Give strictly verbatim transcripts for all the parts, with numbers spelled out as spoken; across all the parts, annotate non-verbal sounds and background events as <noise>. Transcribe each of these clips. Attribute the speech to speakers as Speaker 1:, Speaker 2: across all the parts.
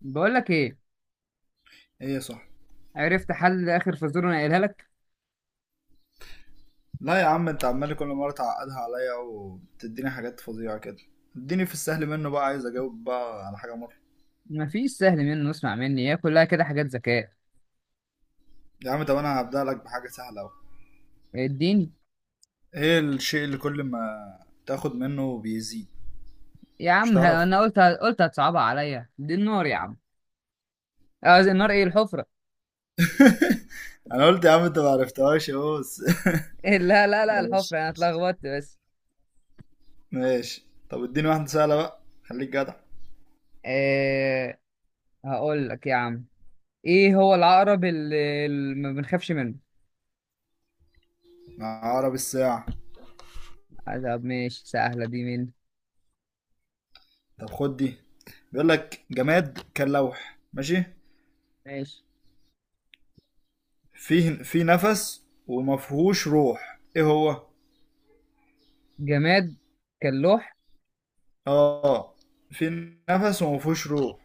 Speaker 1: بقول لك ايه.
Speaker 2: ايه صح.
Speaker 1: عرفت حل اخر، فزوره انا قايلها لك.
Speaker 2: لا يا عم، انت عمال كل مره تعقدها عليا وبتديني حاجات فظيعه كده. اديني في السهل منه بقى، عايز اجاوب بقى على حاجه مره.
Speaker 1: مفيش سهل منه، اسمع مني هي كلها كده حاجات ذكاء.
Speaker 2: يا عم طب انا هبدأ لك بحاجه سهله اهو.
Speaker 1: الدين.
Speaker 2: ايه الشيء اللي كل ما تاخد منه بيزيد؟
Speaker 1: يا
Speaker 2: مش
Speaker 1: عم ه-
Speaker 2: تعرف؟
Speaker 1: انا
Speaker 2: <laughs>
Speaker 1: قلت قلت هتصعبها عليا، دي النار يا عم. آه، زي النار، ايه الحفره.
Speaker 2: انا قلت يا عم انت ما عرفتهاش اهو بس.
Speaker 1: <laughs> إيه، لا لا
Speaker 2: <laughs>
Speaker 1: لا
Speaker 2: ماشي.
Speaker 1: الحفره، انا اتلخبطت بس.
Speaker 2: ماشي طب اديني واحده سهله بقى، خليك جدع.
Speaker 1: إيه. هقول لك يا عم، ايه هو العقرب اللي اللي ما بنخافش منه.
Speaker 2: عقرب الساعه.
Speaker 1: آه، طب ماشي سهله دي مني.
Speaker 2: طب خد دي. بيقول لك جماد كاللوح، ماشي.
Speaker 1: ماشي.
Speaker 2: فيه في نفس ومفهوش روح، ايه هو؟
Speaker 1: جماد كاللوح.
Speaker 2: اه. في نفس وما فيهوش روح.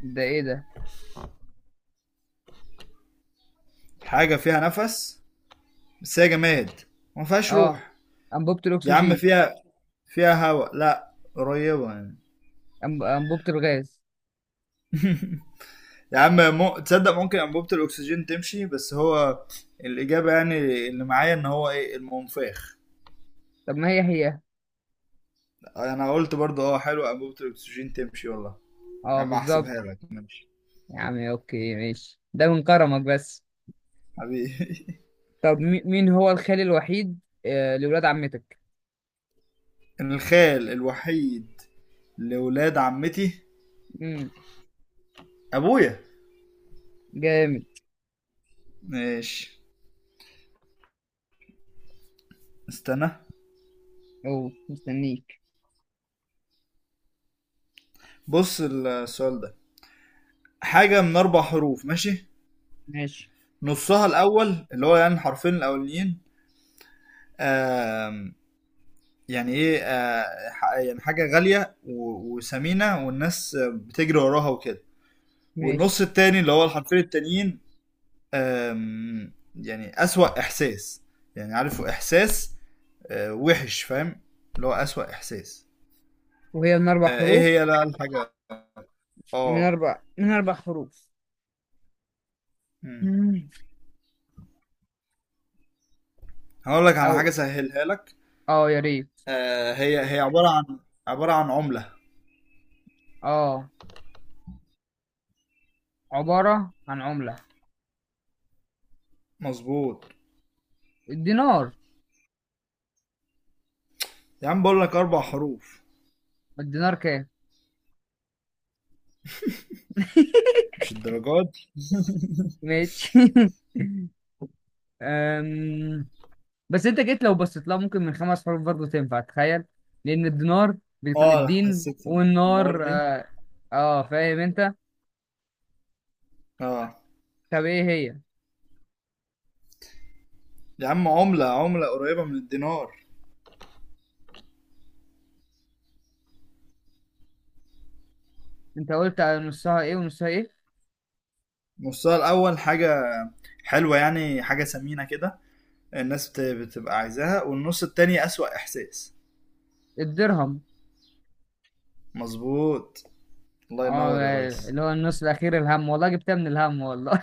Speaker 1: ده ايه ده؟
Speaker 2: حاجة فيها نفس بس هي جماد وما فيهاش
Speaker 1: اه،
Speaker 2: روح.
Speaker 1: انبوبه
Speaker 2: يا عم
Speaker 1: الاكسجين.
Speaker 2: فيها فيها هواء، لا قريبة يعني.
Speaker 1: أنب- انبوبه الغاز.
Speaker 2: يا عم مو... تصدق ممكن أنبوبة الأكسجين تمشي، بس هو الإجابة يعني اللي معايا إن هو إيه؟ المنفاخ.
Speaker 1: طب ما هي هي.
Speaker 2: أنا قلت برضه أه حلو، أنبوبة الأكسجين تمشي والله. يا
Speaker 1: اه
Speaker 2: عم
Speaker 1: بالظبط.
Speaker 2: هحسبها لك، ماشي.
Speaker 1: يا عم اوكي ماشي، ده من كرمك بس.
Speaker 2: حبيبي. <laughs>
Speaker 1: طب مي- مين هو الخال الوحيد؟ آه، لولاد عمتك.
Speaker 2: الخال الوحيد لولاد عمتي.
Speaker 1: امم.
Speaker 2: أبويا.
Speaker 1: جامد.
Speaker 2: ماشي. استنى.
Speaker 1: او مستنيك.
Speaker 2: بص السؤال ده حاجة من أربع حروف، ماشي.
Speaker 1: ماشي
Speaker 2: نصها الأول اللي هو يعني الحرفين الأولين، آم، يعني إيه، آه، ح- يعني حاجة غالية و- وثمينة والناس بتجري وراها وكده. والنص
Speaker 1: ماشي.
Speaker 2: التاني اللي هو الحرفين التانيين، آم، يعني أسوأ إحساس. يعني عارف إحساس، آه، وحش، فاهم. اللي هو أسوأ إحساس.
Speaker 1: وهي من اربع
Speaker 2: آه، إيه
Speaker 1: حروف؟
Speaker 2: هي بقى الحاجة؟
Speaker 1: من
Speaker 2: آه.
Speaker 1: اربع من اربع حروف.
Speaker 2: مم.
Speaker 1: مم.
Speaker 2: هقول لك
Speaker 1: او،
Speaker 2: على حاجة سهلها لك.
Speaker 1: اه يا ريت.
Speaker 2: آه هي هي عبارة عن عبارة عن عملة.
Speaker 1: اه، عبارة عن عملة.
Speaker 2: مظبوط.
Speaker 1: الدينار.
Speaker 2: يا عم بقول لك أربع حروف.
Speaker 1: الدينار كام؟ <laughs>
Speaker 2: مش الدرجات دي.
Speaker 1: ماشي. <laughs> أم... بس انت جيت، لو بصيت لها ممكن من خمس حروف برضه تنفع، تخيل. لان الدينار بيكون
Speaker 2: اه أنا
Speaker 1: الدين
Speaker 2: حسيت النهار
Speaker 1: والنار،
Speaker 2: دي.
Speaker 1: اه، آه فاهم انت.
Speaker 2: اه
Speaker 1: طب ايه هي؟
Speaker 2: يا عم عملة، عملة قريبة من الدينار.
Speaker 1: انت قلت على نصها ايه ونصها ايه؟
Speaker 2: نصها الأول حاجة حلوة يعني حاجة ثمينة كده، الناس بت- بتبقى عايزاها. والنص التاني أسوأ إحساس.
Speaker 1: الدرهم.
Speaker 2: مظبوط. الله
Speaker 1: اه،
Speaker 2: ينور يا ريس.
Speaker 1: اللي هو النص الاخير الهم، والله جبتها من الهم والله.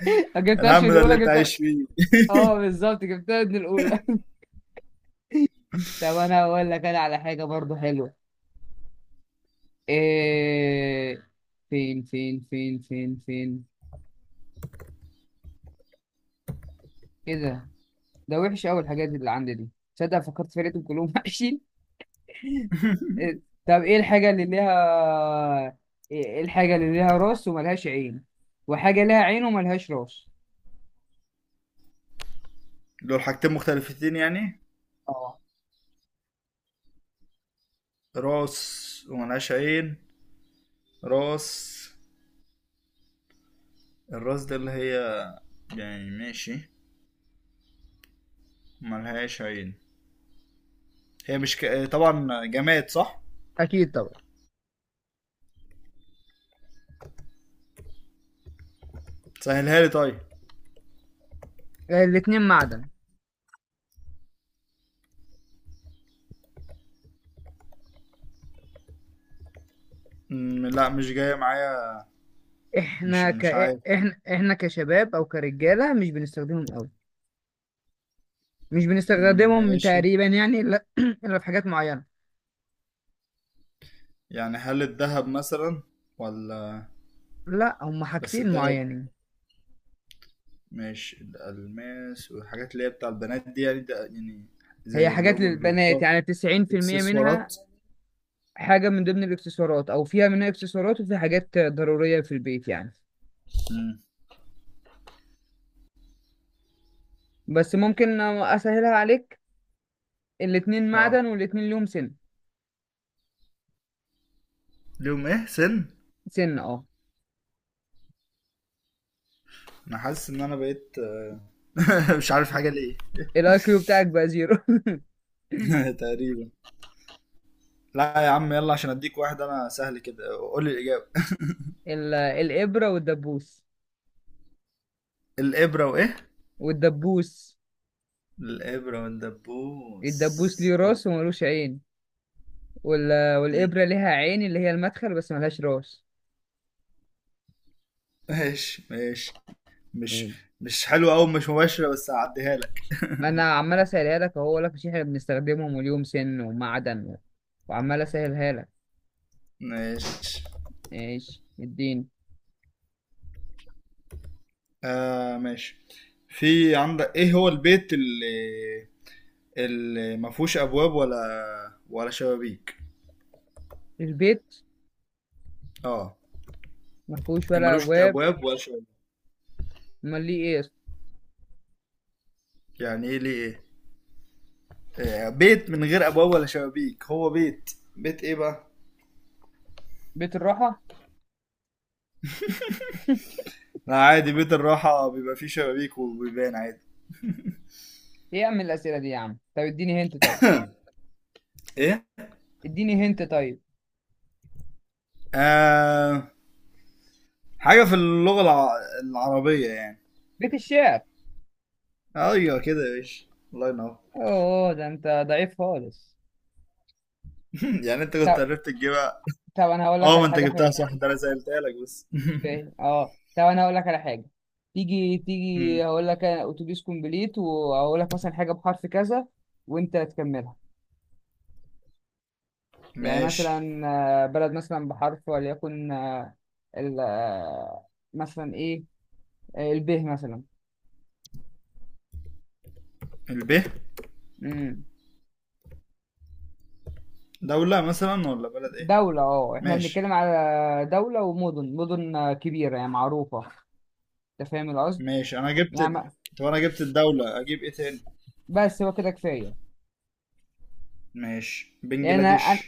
Speaker 1: <laughs> ما جبتهاش
Speaker 2: الهم
Speaker 1: من
Speaker 2: ده اللي
Speaker 1: الاولى،
Speaker 2: انت
Speaker 1: جبتها.
Speaker 2: عايش فيه.
Speaker 1: اه بالظبط، جبتها من الاولى. <laughs> طب انا هقول لك انا على حاجه برضه حلوه. إيه... فين فين فين فين فين كده. ده وحش قوي الحاجات اللي عندي دي، تصدق فكرت في لقيتهم كلهم وحشين. إيه- طب ايه الحاجة اللي ليها، ايه الحاجة اللي ليها راس وملهاش عين، وحاجة ليها عين وملهاش راس؟
Speaker 2: دول حاجتين مختلفتين يعني.
Speaker 1: اه
Speaker 2: راس وملهاش عين. راس. الراس ده اللي هي يعني، ماشي. ملهاش عين. هي مش ك... آه، طبعا جماد صح.
Speaker 1: أكيد طبعا.
Speaker 2: سهلها لي طيب.
Speaker 1: آه، الاتنين معدن.
Speaker 2: مم، لا مش جاية معايا. مش
Speaker 1: احنا ك
Speaker 2: مش عارف.
Speaker 1: احنا احنا كشباب او كرجاله مش بنستخدمهم قوي. مش
Speaker 2: مم،
Speaker 1: بنستخدمهم
Speaker 2: ماشي.
Speaker 1: تقريبا يعني، الا <clears throat> إلا في حاجات معينه.
Speaker 2: يعني هل الذهب مثلا ولا؟
Speaker 1: لا، هم
Speaker 2: بس
Speaker 1: حاجتين
Speaker 2: الذهب،
Speaker 1: معينين.
Speaker 2: ماشي الألماس والحاجات اللي هي بتاع البنات دي يعني، ده يعني
Speaker 1: هي
Speaker 2: زي اللي
Speaker 1: حاجات
Speaker 2: هما
Speaker 1: للبنات،
Speaker 2: بيلبسوها.
Speaker 1: يعني تسعين في المية منها.
Speaker 2: اكسسوارات.
Speaker 1: حاجة من ضمن الاكسسوارات، أو فيها منها اكسسوارات، وفي حاجات ضرورية في البيت يعني.
Speaker 2: مم،
Speaker 1: بس ممكن أسهلها عليك، الاتنين
Speaker 2: اه.
Speaker 1: معدن والاتنين ليهم سن.
Speaker 2: ليهم ايه سن؟
Speaker 1: سن، اه.
Speaker 2: انا حاسس ان انا بقيت آه، <laughs> مش عارف حاجة ليه.
Speaker 1: الاي كيو بتاعك بقى زيرو.
Speaker 2: <laughs>
Speaker 1: <laughs>
Speaker 2: تقريبا. لا يا عم يلا، عشان اديك واحد انا سهل كده، قول لي الاجابه.
Speaker 1: ال- الإبرة والدبوس.
Speaker 2: <laughs> الابره وايه؟
Speaker 1: والدبوس.
Speaker 2: الابره والدبوس.
Speaker 1: الدبوس ليه راس وملوش عين، وال...
Speaker 2: ليه؟
Speaker 1: والإبرة ليها عين اللي هي المدخل بس ملهاش راس
Speaker 2: ماشي ماشي. مش
Speaker 1: يعني.
Speaker 2: مش حلوه قوي، مش مباشره، بس هعديها لك.
Speaker 1: ما أنا عمال أسهلها لك أهو، لك مش إحنا بنستخدمهم وليهم سن ومعدن و... وعمال أسهلها لك.
Speaker 2: ماشي.
Speaker 1: ماشي. الدين.
Speaker 2: آه ماشي. في عندك ايه هو البيت اللي اللي ما فيهوش ابواب ولا ولا شبابيك؟
Speaker 1: البيت
Speaker 2: اه.
Speaker 1: ما فيهوش ولا
Speaker 2: ملوش
Speaker 1: ابواب.
Speaker 2: ابواب ولا شبابيك.
Speaker 1: امال ليه، ايه اصلا؟
Speaker 2: يعني ايه ليه؟ إيه؟ آه، بيت من غير ابواب ولا شبابيك هو بيت، بيت ايه بقى؟
Speaker 1: بيت الراحه. <laughs>
Speaker 2: لا عادي، بيت الراحه بيبقى فيه شبابيك وبيبان عادي.
Speaker 1: ايه يا عم الاسئله دي يا عم، طب اديني هنت طيب.
Speaker 2: ايه.
Speaker 1: اديني هنت طيب.
Speaker 2: آه، حاجه في اللغه الع... العربيه يعني.
Speaker 1: بيت الشعر.
Speaker 2: ايوه كده يا باشا. الله ينور.
Speaker 1: اوه ده انت ضعيف خالص.
Speaker 2: <laughs> يعني انت كنت
Speaker 1: طب
Speaker 2: عرفت تجيبها.
Speaker 1: طب انا هقول لك
Speaker 2: اه ما
Speaker 1: على
Speaker 2: انت
Speaker 1: حاجه
Speaker 2: جبتها
Speaker 1: حلوه.
Speaker 2: صح، ده انا سالتها لك بس.
Speaker 1: مش فاهم. اه، طب انا هقول لك على حاجه. تيجي
Speaker 2: <laughs> مم.
Speaker 1: تيجي، هقول لك أنا اتوبيس كومبليت، وهقول لك مثلا حاجه بحرف كذا وانت تكملها. يعني
Speaker 2: ماشي.
Speaker 1: مثلا آه، بلد مثلا بحرف، وليكن آه، ال آه، مثلا ايه، آه، الب مثلا.
Speaker 2: الب. دولة مثلا ولا بلد ايه؟
Speaker 1: دولة، اه احنا
Speaker 2: ماشي.
Speaker 1: بنتكلم على دولة ومدن، مدن آه، كبيرة يعني، معروفة. انت فاهم القصد.
Speaker 2: ماشي انا جبت
Speaker 1: يعني
Speaker 2: ال-
Speaker 1: ما-
Speaker 2: طب انا جبت الدولة، اجيب ايه تاني.
Speaker 1: بس هو كده كفاية.
Speaker 2: ماشي،
Speaker 1: يعني انا أنا-
Speaker 2: بنجلاديش.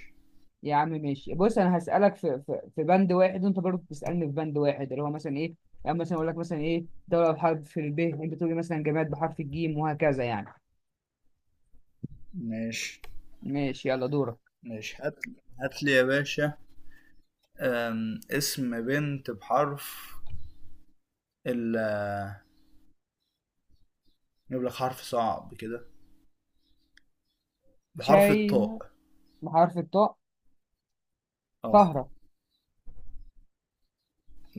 Speaker 1: يا عم ماشي. بص انا هسألك في في, في بند واحد، وانت برضه بتسألني في بند واحد اللي هو مثلا ايه. يعني مثلا اقول لك مثلا ايه دولة بحرف ال ب، انت تقول لي مثلا جماد بحرف الجيم، وهكذا يعني.
Speaker 2: ماشي.
Speaker 1: ماشي يلا دورك.
Speaker 2: ماشي هات. هات لي يا باشا. أم، اسم بنت بحرف ال، نجيب لك حرف صعب كده، بحرف
Speaker 1: شاينا.
Speaker 2: الطاء.
Speaker 1: بحرف الطاء؟
Speaker 2: اه
Speaker 1: طهرة.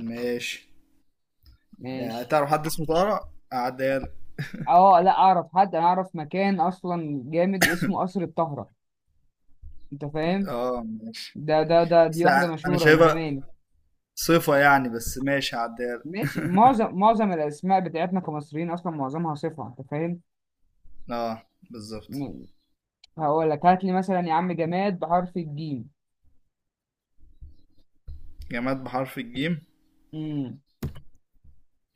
Speaker 2: ماشي. يعني
Speaker 1: ماشي.
Speaker 2: تعرف حد اسمه طارق، اعديها لك.
Speaker 1: اه لا، اعرف حد، انا اعرف مكان اصلا جامد اسمه قصر الطهرة، انت فاهم؟
Speaker 2: اه ماشي.
Speaker 1: ده ده ده دي
Speaker 2: بس
Speaker 1: واحدة
Speaker 2: انا
Speaker 1: مشهورة من
Speaker 2: شايفها
Speaker 1: زمان.
Speaker 2: صفة يعني، بس ماشي هعديها لك.
Speaker 1: ماشي. معظم معظم الأسماء بتاعتنا كمصريين أصلا معظمها صفة، أنت فاهم؟
Speaker 2: اه بالظبط.
Speaker 1: م- هقول لك هات لي مثلا يا عم جماد بحرف الجيم.
Speaker 2: جماد بحرف الجيم.
Speaker 1: امم.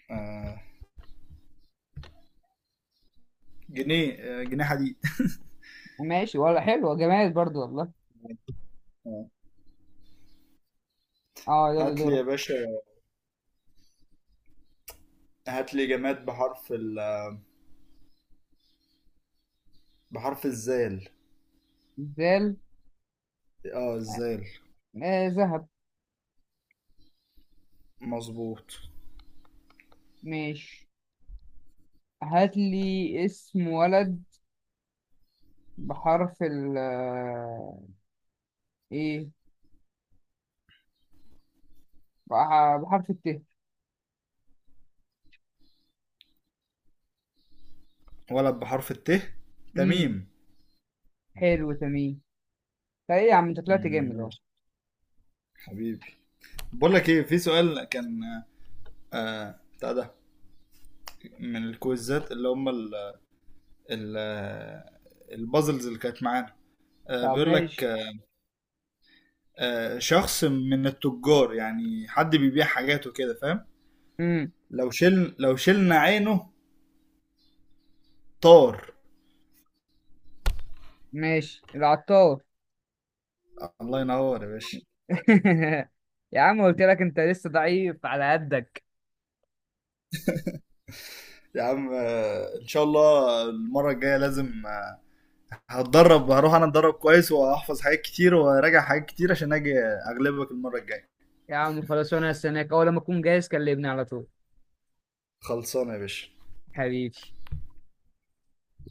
Speaker 2: آه. جنيه، آه، جنيه حديد.
Speaker 1: ماشي، ولا حلوة جماد برضو والله.
Speaker 2: <laughs> آه.
Speaker 1: اه يلا
Speaker 2: هات لي يا
Speaker 1: دورك.
Speaker 2: باشا. هات لي جماد بحرف ال بحرف الزال.
Speaker 1: زال.
Speaker 2: اه الزال.
Speaker 1: آه ذهب.
Speaker 2: مظبوط.
Speaker 1: ماشي. هات لي اسم ولد بحرف ال آه، ايه، بح- بحرف الت.
Speaker 2: ولد بحرف الت.
Speaker 1: امم.
Speaker 2: تميم.
Speaker 1: حلو تمام. طيب ايه يا عم، انت طلعت جامد اهو.
Speaker 2: ماشي. حبيبي. بقول لك ايه، في سؤال كان آه بتاع ده من الكويزات اللي هم ال ال البازلز اللي كانت معانا. آه
Speaker 1: طب
Speaker 2: بيقول لك
Speaker 1: ماشي.
Speaker 2: آه شخص من التجار يعني حد بيبيع حاجات وكده، فاهم.
Speaker 1: امم.
Speaker 2: لو شل لو شلنا عينه، طار.
Speaker 1: ماشي العطار.
Speaker 2: الله ينور يا باشا.
Speaker 1: <laughs> يا عم قلت لك انت لسه ضعيف على قدك.
Speaker 2: يا عم آه، ان شاء الله المره الجايه لازم، آه، هتدرب هروح انا اتدرب كويس وهحفظ حاجات كتير وراجع حاجات كتير عشان اجي اغلبك المره الجايه.
Speaker 1: يا عم خلاص، وانا هستناك، اول لما اكون جاهز كلمني على طول.
Speaker 2: خلصانه يا باشا.
Speaker 1: حبيبي.